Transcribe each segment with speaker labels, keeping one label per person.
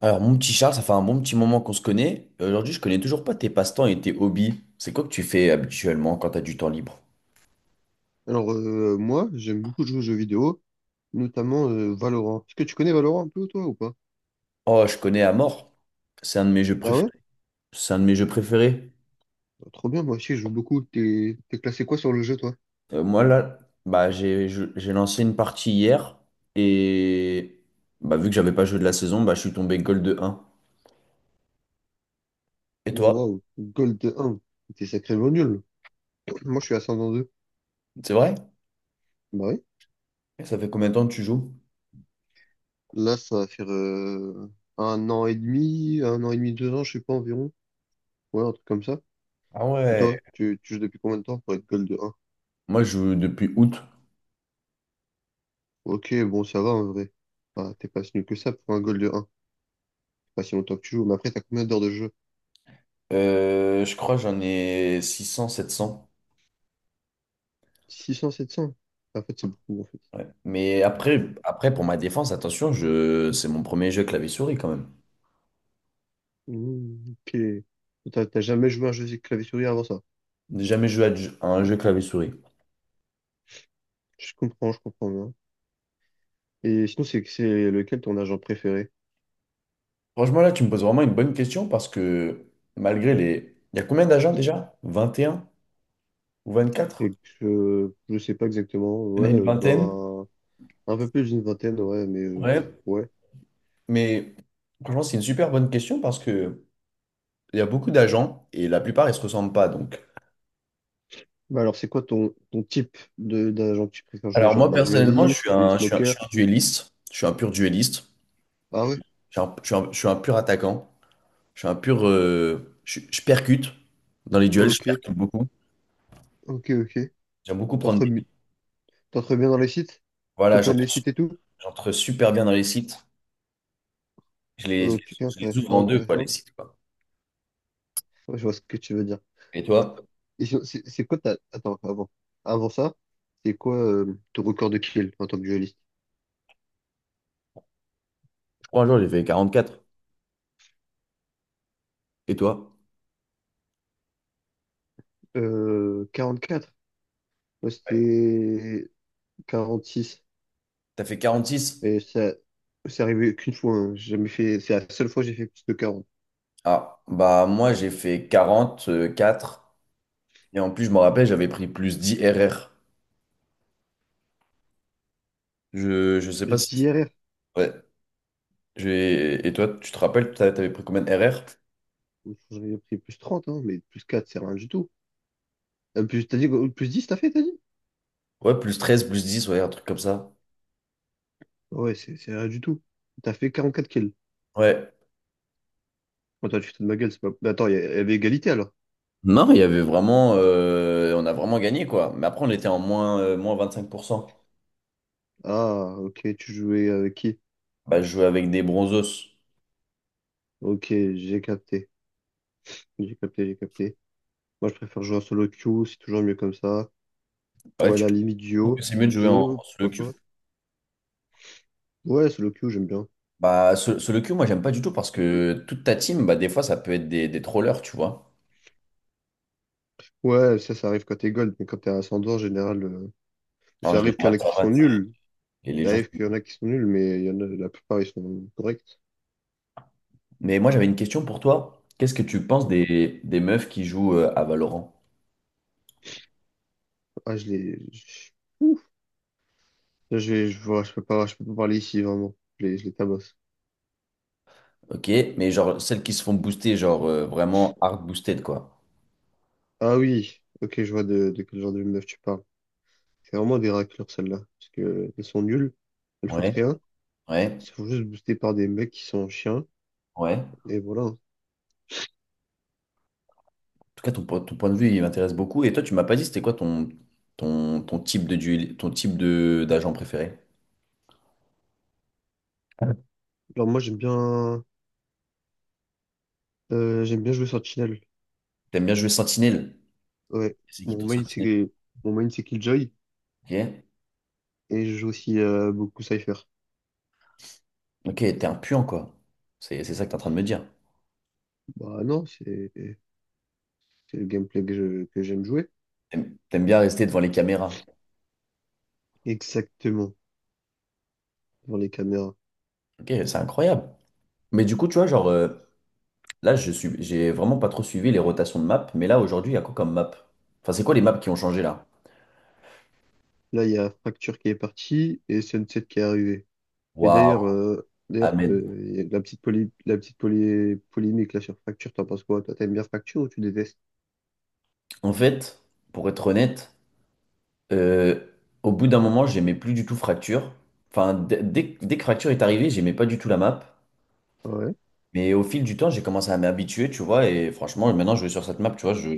Speaker 1: Alors, mon petit Charles, ça fait un bon petit moment qu'on se connaît. Et aujourd'hui, je connais toujours pas tes passe-temps et tes hobbies. C'est quoi que tu fais habituellement quand t'as du temps libre?
Speaker 2: Alors, moi, j'aime beaucoup jouer aux jeux vidéo, notamment Valorant. Est-ce que tu connais Valorant un peu, toi, ou pas?
Speaker 1: Oh, je connais à mort. C'est un de mes jeux
Speaker 2: Ah ouais?
Speaker 1: préférés. C'est un de mes jeux préférés.
Speaker 2: Bah, trop bien, moi aussi, je joue beaucoup. T'es classé quoi sur le jeu, toi?
Speaker 1: Moi, là, bah, j'ai lancé une partie hier et bah, vu que j'avais pas joué de la saison, bah, je suis tombé gold de 1. Et toi?
Speaker 2: Waouh, Gold 1. T'es sacrément nul. Moi, je suis ascendant 2.
Speaker 1: C'est vrai?
Speaker 2: Bah oui.
Speaker 1: Ça fait combien de temps que tu joues?
Speaker 2: Là, ça va faire un an et demi, un an et demi, 2 ans, je sais pas, environ. Ouais, un truc comme ça.
Speaker 1: Ah
Speaker 2: Et
Speaker 1: ouais.
Speaker 2: toi, tu joues depuis combien de temps pour être Gold 1?
Speaker 1: Moi, je joue depuis août.
Speaker 2: Ok, bon, ça va, en vrai. Ah, t'es pas si nul que ça pour un Gold 1. Pas si longtemps que tu joues, mais après, t'as combien d'heures de jeu?
Speaker 1: Je crois que j'en ai 600, 700.
Speaker 2: 600 700 Bah, c'est beaucoup, en fait.
Speaker 1: Ouais. Mais après, après, pour ma défense, attention, je c'est mon premier jeu clavier-souris quand même.
Speaker 2: Mmh, ok. T'as jamais joué à un jeu de clavier-souris avant ça?
Speaker 1: J'ai jamais joué à un jeu clavier-souris.
Speaker 2: Je comprends bien. Et sinon, c'est lequel ton agent préféré?
Speaker 1: Franchement, là, tu me poses vraiment une bonne question parce que malgré les il y a combien d'agents déjà? 21 ou 24?
Speaker 2: Donc, je sais pas exactement.
Speaker 1: Il y
Speaker 2: Ouais,
Speaker 1: en a une vingtaine.
Speaker 2: ben, un peu plus d'une vingtaine, ouais, mais
Speaker 1: Ouais.
Speaker 2: ouais.
Speaker 1: Mais franchement, c'est une super bonne question parce que il y a beaucoup d'agents et la plupart, ils se ressemblent pas. Donc
Speaker 2: Bah alors, c'est quoi ton type de d'agent que tu préfères jouer?
Speaker 1: alors
Speaker 2: Genre
Speaker 1: moi,
Speaker 2: des
Speaker 1: personnellement,
Speaker 2: dualistes, des
Speaker 1: je
Speaker 2: smokers?
Speaker 1: suis un duelliste. Je suis un pur duelliste.
Speaker 2: Ah ouais?
Speaker 1: Je suis un pur attaquant. Je suis un pur. Je percute dans les duels, je
Speaker 2: Ok,
Speaker 1: percute beaucoup.
Speaker 2: ok, ok.
Speaker 1: J'aime beaucoup prendre
Speaker 2: T'entres
Speaker 1: des.
Speaker 2: bi- T'entres bien dans les sites?
Speaker 1: Voilà,
Speaker 2: T'open les sites et tout?
Speaker 1: j'entre super bien dans les sites.
Speaker 2: Ok,
Speaker 1: Je les
Speaker 2: intéressant,
Speaker 1: ouvre en deux, quoi, les
Speaker 2: intéressant.
Speaker 1: sites, quoi.
Speaker 2: Ouais, je vois ce que tu veux dire.
Speaker 1: Et toi?
Speaker 2: Et sinon, c'est quoi ta... Attends, avant. Avant ça, c'est quoi ton record de kill en tant que dueliste?
Speaker 1: Je crois un jour, j'ai fait 44. Et toi?
Speaker 2: 44. Moi, c'était 46.
Speaker 1: T'as fait 46?
Speaker 2: Et ça, c'est arrivé qu'une fois, hein. J'ai jamais fait... C'est la seule fois que j'ai fait plus de 40.
Speaker 1: Ah, bah moi, j'ai fait 44. Et en plus, je me rappelle, j'avais pris plus 10 RR. Je sais pas
Speaker 2: Plus
Speaker 1: si.
Speaker 2: 10 RR.
Speaker 1: Ouais. Et toi, tu te rappelles, t'avais pris combien de RR?
Speaker 2: J'aurais pris plus 30, hein, mais plus 4, c'est rien du tout. Plus... T'as dit quoi? Plus 10, t'as fait, t'as dit?
Speaker 1: Ouais, plus 13, plus 10, ouais, un truc comme ça.
Speaker 2: Ouais, c'est rien du tout. T'as fait 44 kills.
Speaker 1: Ouais.
Speaker 2: Attends, tu te fous de ma gueule, c'est pas... Mais attends, il y avait égalité, alors.
Speaker 1: Non, il y avait vraiment, on a vraiment gagné quoi. Mais après, on était en moins, moins 25%.
Speaker 2: Ah, ok, tu jouais avec qui?
Speaker 1: Bah, je jouais avec des bronzos.
Speaker 2: Ok, j'ai capté. J'ai capté, j'ai capté. Moi, je préfère jouer en solo queue, c'est toujours mieux comme ça.
Speaker 1: Ouais,
Speaker 2: Ou à
Speaker 1: tu
Speaker 2: la limite
Speaker 1: trouves que
Speaker 2: duo.
Speaker 1: c'est mieux de jouer en,
Speaker 2: Duo,
Speaker 1: en solo queue?
Speaker 2: pourquoi pas? Ouais, solo queue, j'aime bien.
Speaker 1: Bah, solo queue, moi, j'aime pas du tout parce que toute ta team, bah, des fois, ça peut être des trollers, tu vois.
Speaker 2: Ouais, ça arrive quand t'es gold, mais quand t'es ascendant, en général,
Speaker 1: En
Speaker 2: ça arrive qu'il y
Speaker 1: général,
Speaker 2: en a
Speaker 1: ça
Speaker 2: qui sont
Speaker 1: va, c'est-
Speaker 2: nuls.
Speaker 1: et les
Speaker 2: Ça
Speaker 1: gens.
Speaker 2: arrive qu'il y en a qui sont nuls, mais il y en a, la plupart, ils sont corrects.
Speaker 1: Mais moi, j'avais une question pour toi. Qu'est-ce que tu penses
Speaker 2: Donc,
Speaker 1: des meufs qui jouent à Valorant?
Speaker 2: ah, ouf. Là, je vois, je peux pas parler ici, vraiment. Je les tabasse.
Speaker 1: Ok, mais genre celles qui se font booster, genre vraiment hard boosted quoi.
Speaker 2: Ah oui, ok, je vois de quel genre de meuf tu parles. C'est vraiment des raclures, celles-là. Parce que elles sont nulles, elles foutent
Speaker 1: Ouais,
Speaker 2: rien.
Speaker 1: ouais,
Speaker 2: Elles se font juste booster par des mecs qui sont chiens.
Speaker 1: ouais.
Speaker 2: Et voilà.
Speaker 1: Tout cas, ton, ton point de vue, il m'intéresse beaucoup. Et toi, tu m'as pas dit, c'était quoi ton, ton, ton type de duel, ton type de d'agent préféré?
Speaker 2: Alors, moi, j'aime bien jouer Sentinel.
Speaker 1: T'aimes bien jouer Sentinelle?
Speaker 2: Ouais.
Speaker 1: C'est qui
Speaker 2: Mon
Speaker 1: ton
Speaker 2: main
Speaker 1: Sentinelle?
Speaker 2: c'est mon main c'est Killjoy
Speaker 1: Ok,
Speaker 2: et je joue aussi beaucoup Cypher.
Speaker 1: ok, t'es un puant, quoi. C'est ça que t'es en train de me dire.
Speaker 2: Bah non, c'est le gameplay que j'aime jouer.
Speaker 1: T'aimes bien rester devant les caméras.
Speaker 2: Exactement, dans les caméras.
Speaker 1: Ok, c'est incroyable. Mais du coup, tu vois, genre, là, j'ai vraiment pas trop suivi les rotations de maps. Mais là, aujourd'hui, il y a quoi comme map? Enfin, c'est quoi les maps qui ont changé là?
Speaker 2: Là, il y a Fracture qui est parti et Sunset qui est arrivé. Et d'ailleurs,
Speaker 1: Waouh, Ahmed.
Speaker 2: y a la polémique là sur Fracture, t'en penses quoi? Toi, t'aimes bien Fracture ou tu détestes?
Speaker 1: En fait, pour être honnête, Euh, au bout d'un moment, j'aimais plus du tout Fracture. Enfin, dès que Fracture est arrivé, j'aimais pas du tout la map.
Speaker 2: Ah ouais,
Speaker 1: Mais au fil du temps, j'ai commencé à m'habituer, tu vois. Et franchement, maintenant, je vais sur cette map, tu vois, je,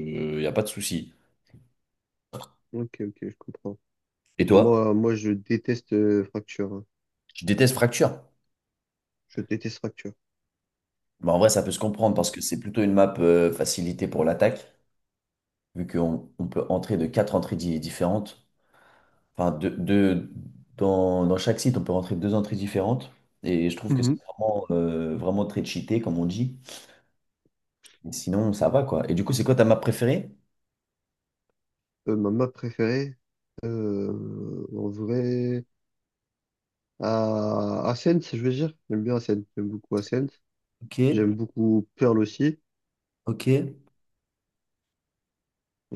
Speaker 1: y a pas de souci.
Speaker 2: ok, ok, je comprends.
Speaker 1: Et
Speaker 2: Et
Speaker 1: toi,
Speaker 2: moi moi, je déteste Fracture, hein.
Speaker 1: je déteste Fracture?
Speaker 2: Je déteste Fracture.
Speaker 1: Bah, en vrai, ça peut se comprendre parce que c'est plutôt une map facilitée pour l'attaque, vu qu'on on peut entrer de quatre entrées différentes. Enfin, de- dans, dans chaque site, on peut rentrer deux entrées différentes. Et je trouve que c'est vraiment, vraiment très cheaté, comme on dit. Mais sinon, ça va, quoi. Et du coup, c'est quoi ta map préférée?
Speaker 2: Ma map préférée, en vrai, à Ascent, je veux dire. J'aime bien Ascent.
Speaker 1: Ok,
Speaker 2: J'aime beaucoup Pearl aussi.
Speaker 1: ok. Et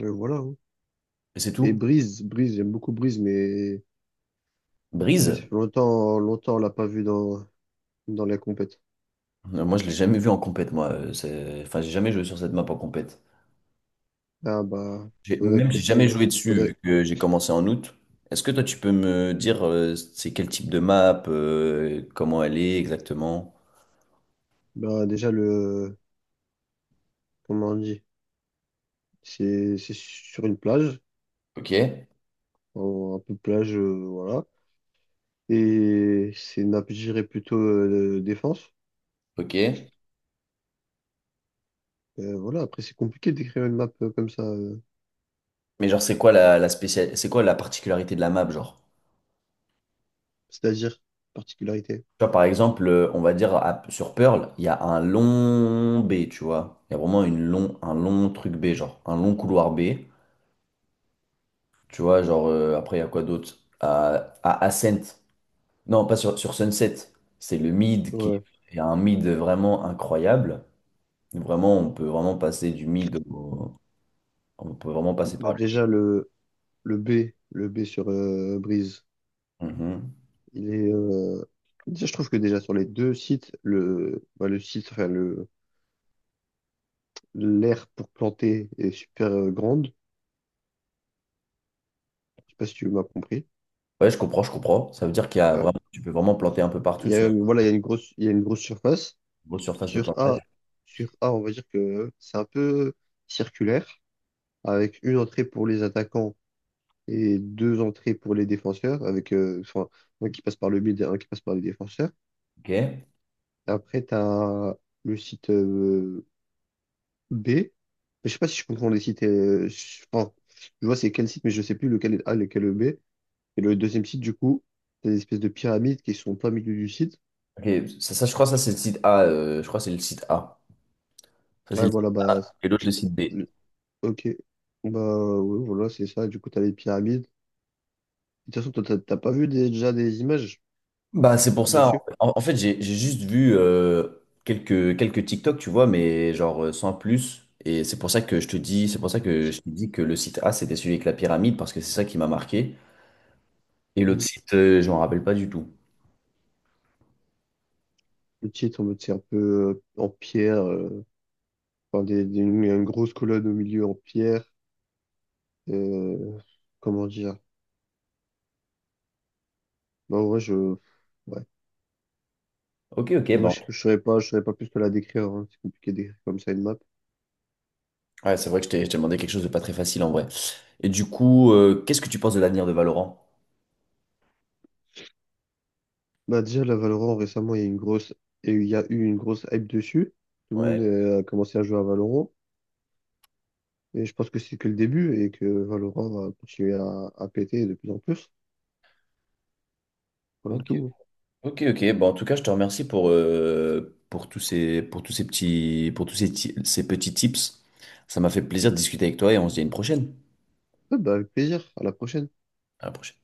Speaker 2: Voilà, hein.
Speaker 1: c'est
Speaker 2: Et
Speaker 1: tout?
Speaker 2: J'aime beaucoup Breeze, mais ça
Speaker 1: Brise?
Speaker 2: fait longtemps, longtemps, on l'a pas vu dans, dans les compètes.
Speaker 1: Moi, je l'ai jamais vu en compète, moi. C'est- enfin, j'ai jamais joué sur cette map en compète.
Speaker 2: Ah bah,
Speaker 1: J'ai-
Speaker 2: faudrait que
Speaker 1: même, j'ai jamais
Speaker 2: t'essayes.
Speaker 1: joué dessus, vu
Speaker 2: Faudrait.
Speaker 1: que j'ai commencé en août. Est-ce que toi, tu peux me dire, c'est quel type de map, comment elle est exactement?
Speaker 2: Bah, déjà, comment on dit? C'est sur une plage,
Speaker 1: Ok,
Speaker 2: un peu plage, voilà. Et c'est une nappe, je dirais, plutôt défense.
Speaker 1: ok.
Speaker 2: Voilà, après, c'est compliqué d'écrire une map comme ça,
Speaker 1: Mais genre, c'est quoi la, la spécial c'est quoi la particularité de la map, genre?
Speaker 2: c'est-à-dire particularité.
Speaker 1: Tu vois, par exemple, on va dire sur Pearl, il y a un long B, tu vois. Il y a vraiment une long, un long truc B, genre un long couloir B. Tu vois, genre, après, il y a quoi d'autre? À Ascent. Non, pas sur, sur Sunset. C'est le mid qui
Speaker 2: Ouais.
Speaker 1: est un mid vraiment incroyable. Vraiment, on peut vraiment passer du mid au on peut vraiment passer par
Speaker 2: Bah, déjà, le B, le B sur Breeze,
Speaker 1: le mid. Mhm.
Speaker 2: il est... déjà, je trouve que déjà sur les deux sites, le, bah, le site, enfin, le, l'aire pour planter est super grande. Je sais pas si tu m'as compris.
Speaker 1: Ouais, je comprends, je comprends. Ça veut dire qu'il y a
Speaker 2: Ouais.
Speaker 1: vraiment, tu peux vraiment planter un peu
Speaker 2: Il
Speaker 1: partout
Speaker 2: y a,
Speaker 1: sur
Speaker 2: une- Voilà, il y a une grosse surface.
Speaker 1: une grosse surface de
Speaker 2: Sur
Speaker 1: plantage.
Speaker 2: A, sur A, on va dire que c'est un peu circulaire, avec une entrée pour les attaquants et deux entrées pour les défenseurs, avec enfin, un qui passe par le milieu et un qui passe par les défenseurs.
Speaker 1: Ok.
Speaker 2: Après, tu as le site B. Je sais pas si je comprends les sites. Enfin, je vois c'est quel site, mais je sais plus lequel est A, lequel est B. Et le deuxième site, du coup, c'est des espèces de pyramides qui sont en plein milieu du site.
Speaker 1: Ok, ça, je crois que ça c'est le site A. Je crois que c'est le site A. Ça, c'est
Speaker 2: Ouais,
Speaker 1: le site
Speaker 2: voilà,
Speaker 1: A et l'autre, le site B.
Speaker 2: c'est- ok. Bah, ouais, voilà, c'est ça. Du coup, t'as les pyramides. De toute façon, toi, t'as pas vu déjà des images
Speaker 1: Bah, c'est pour ça.
Speaker 2: dessus?
Speaker 1: J'ai juste vu quelques, quelques TikTok, tu vois, mais genre sans plus. Et c'est pour ça que je te dis, c'est pour ça que je te dis que le site A, c'était celui avec la pyramide, parce que c'est ça qui m'a marqué. Et l'autre site, je m'en rappelle pas du tout.
Speaker 2: Le titre, en mode, c'est un peu en pierre, enfin, une grosse colonne au milieu en pierre. euh, Comment dire? Bah, en vrai, ouais.
Speaker 1: Ok, ok,
Speaker 2: En vrai,
Speaker 1: bon.
Speaker 2: je saurais pas, je saurais pas plus que la décrire, hein. C'est compliqué de d'écrire comme ça une map.
Speaker 1: Ouais, c'est vrai que je t'ai demandé quelque chose de pas très facile en vrai. Et du coup, qu'est-ce que tu penses de l'avenir de Valorant?
Speaker 2: Bah, déjà, la Valorant, récemment, il y a une grosse, et il y a eu une grosse hype dessus. Tout le monde
Speaker 1: Ouais.
Speaker 2: a commencé à jouer à Valorant. Et je pense que c'est que le début et que Valorant va continuer à péter de plus en plus. Voilà
Speaker 1: Ok.
Speaker 2: le tout.
Speaker 1: Ok, ok. Bon, en tout cas, je te remercie pour tous ces petits, pour tous ces, ces petits tips. Ça m'a fait plaisir de discuter avec toi et on se dit à une prochaine.
Speaker 2: Ouais, bah, avec plaisir. À la prochaine.
Speaker 1: À la prochaine.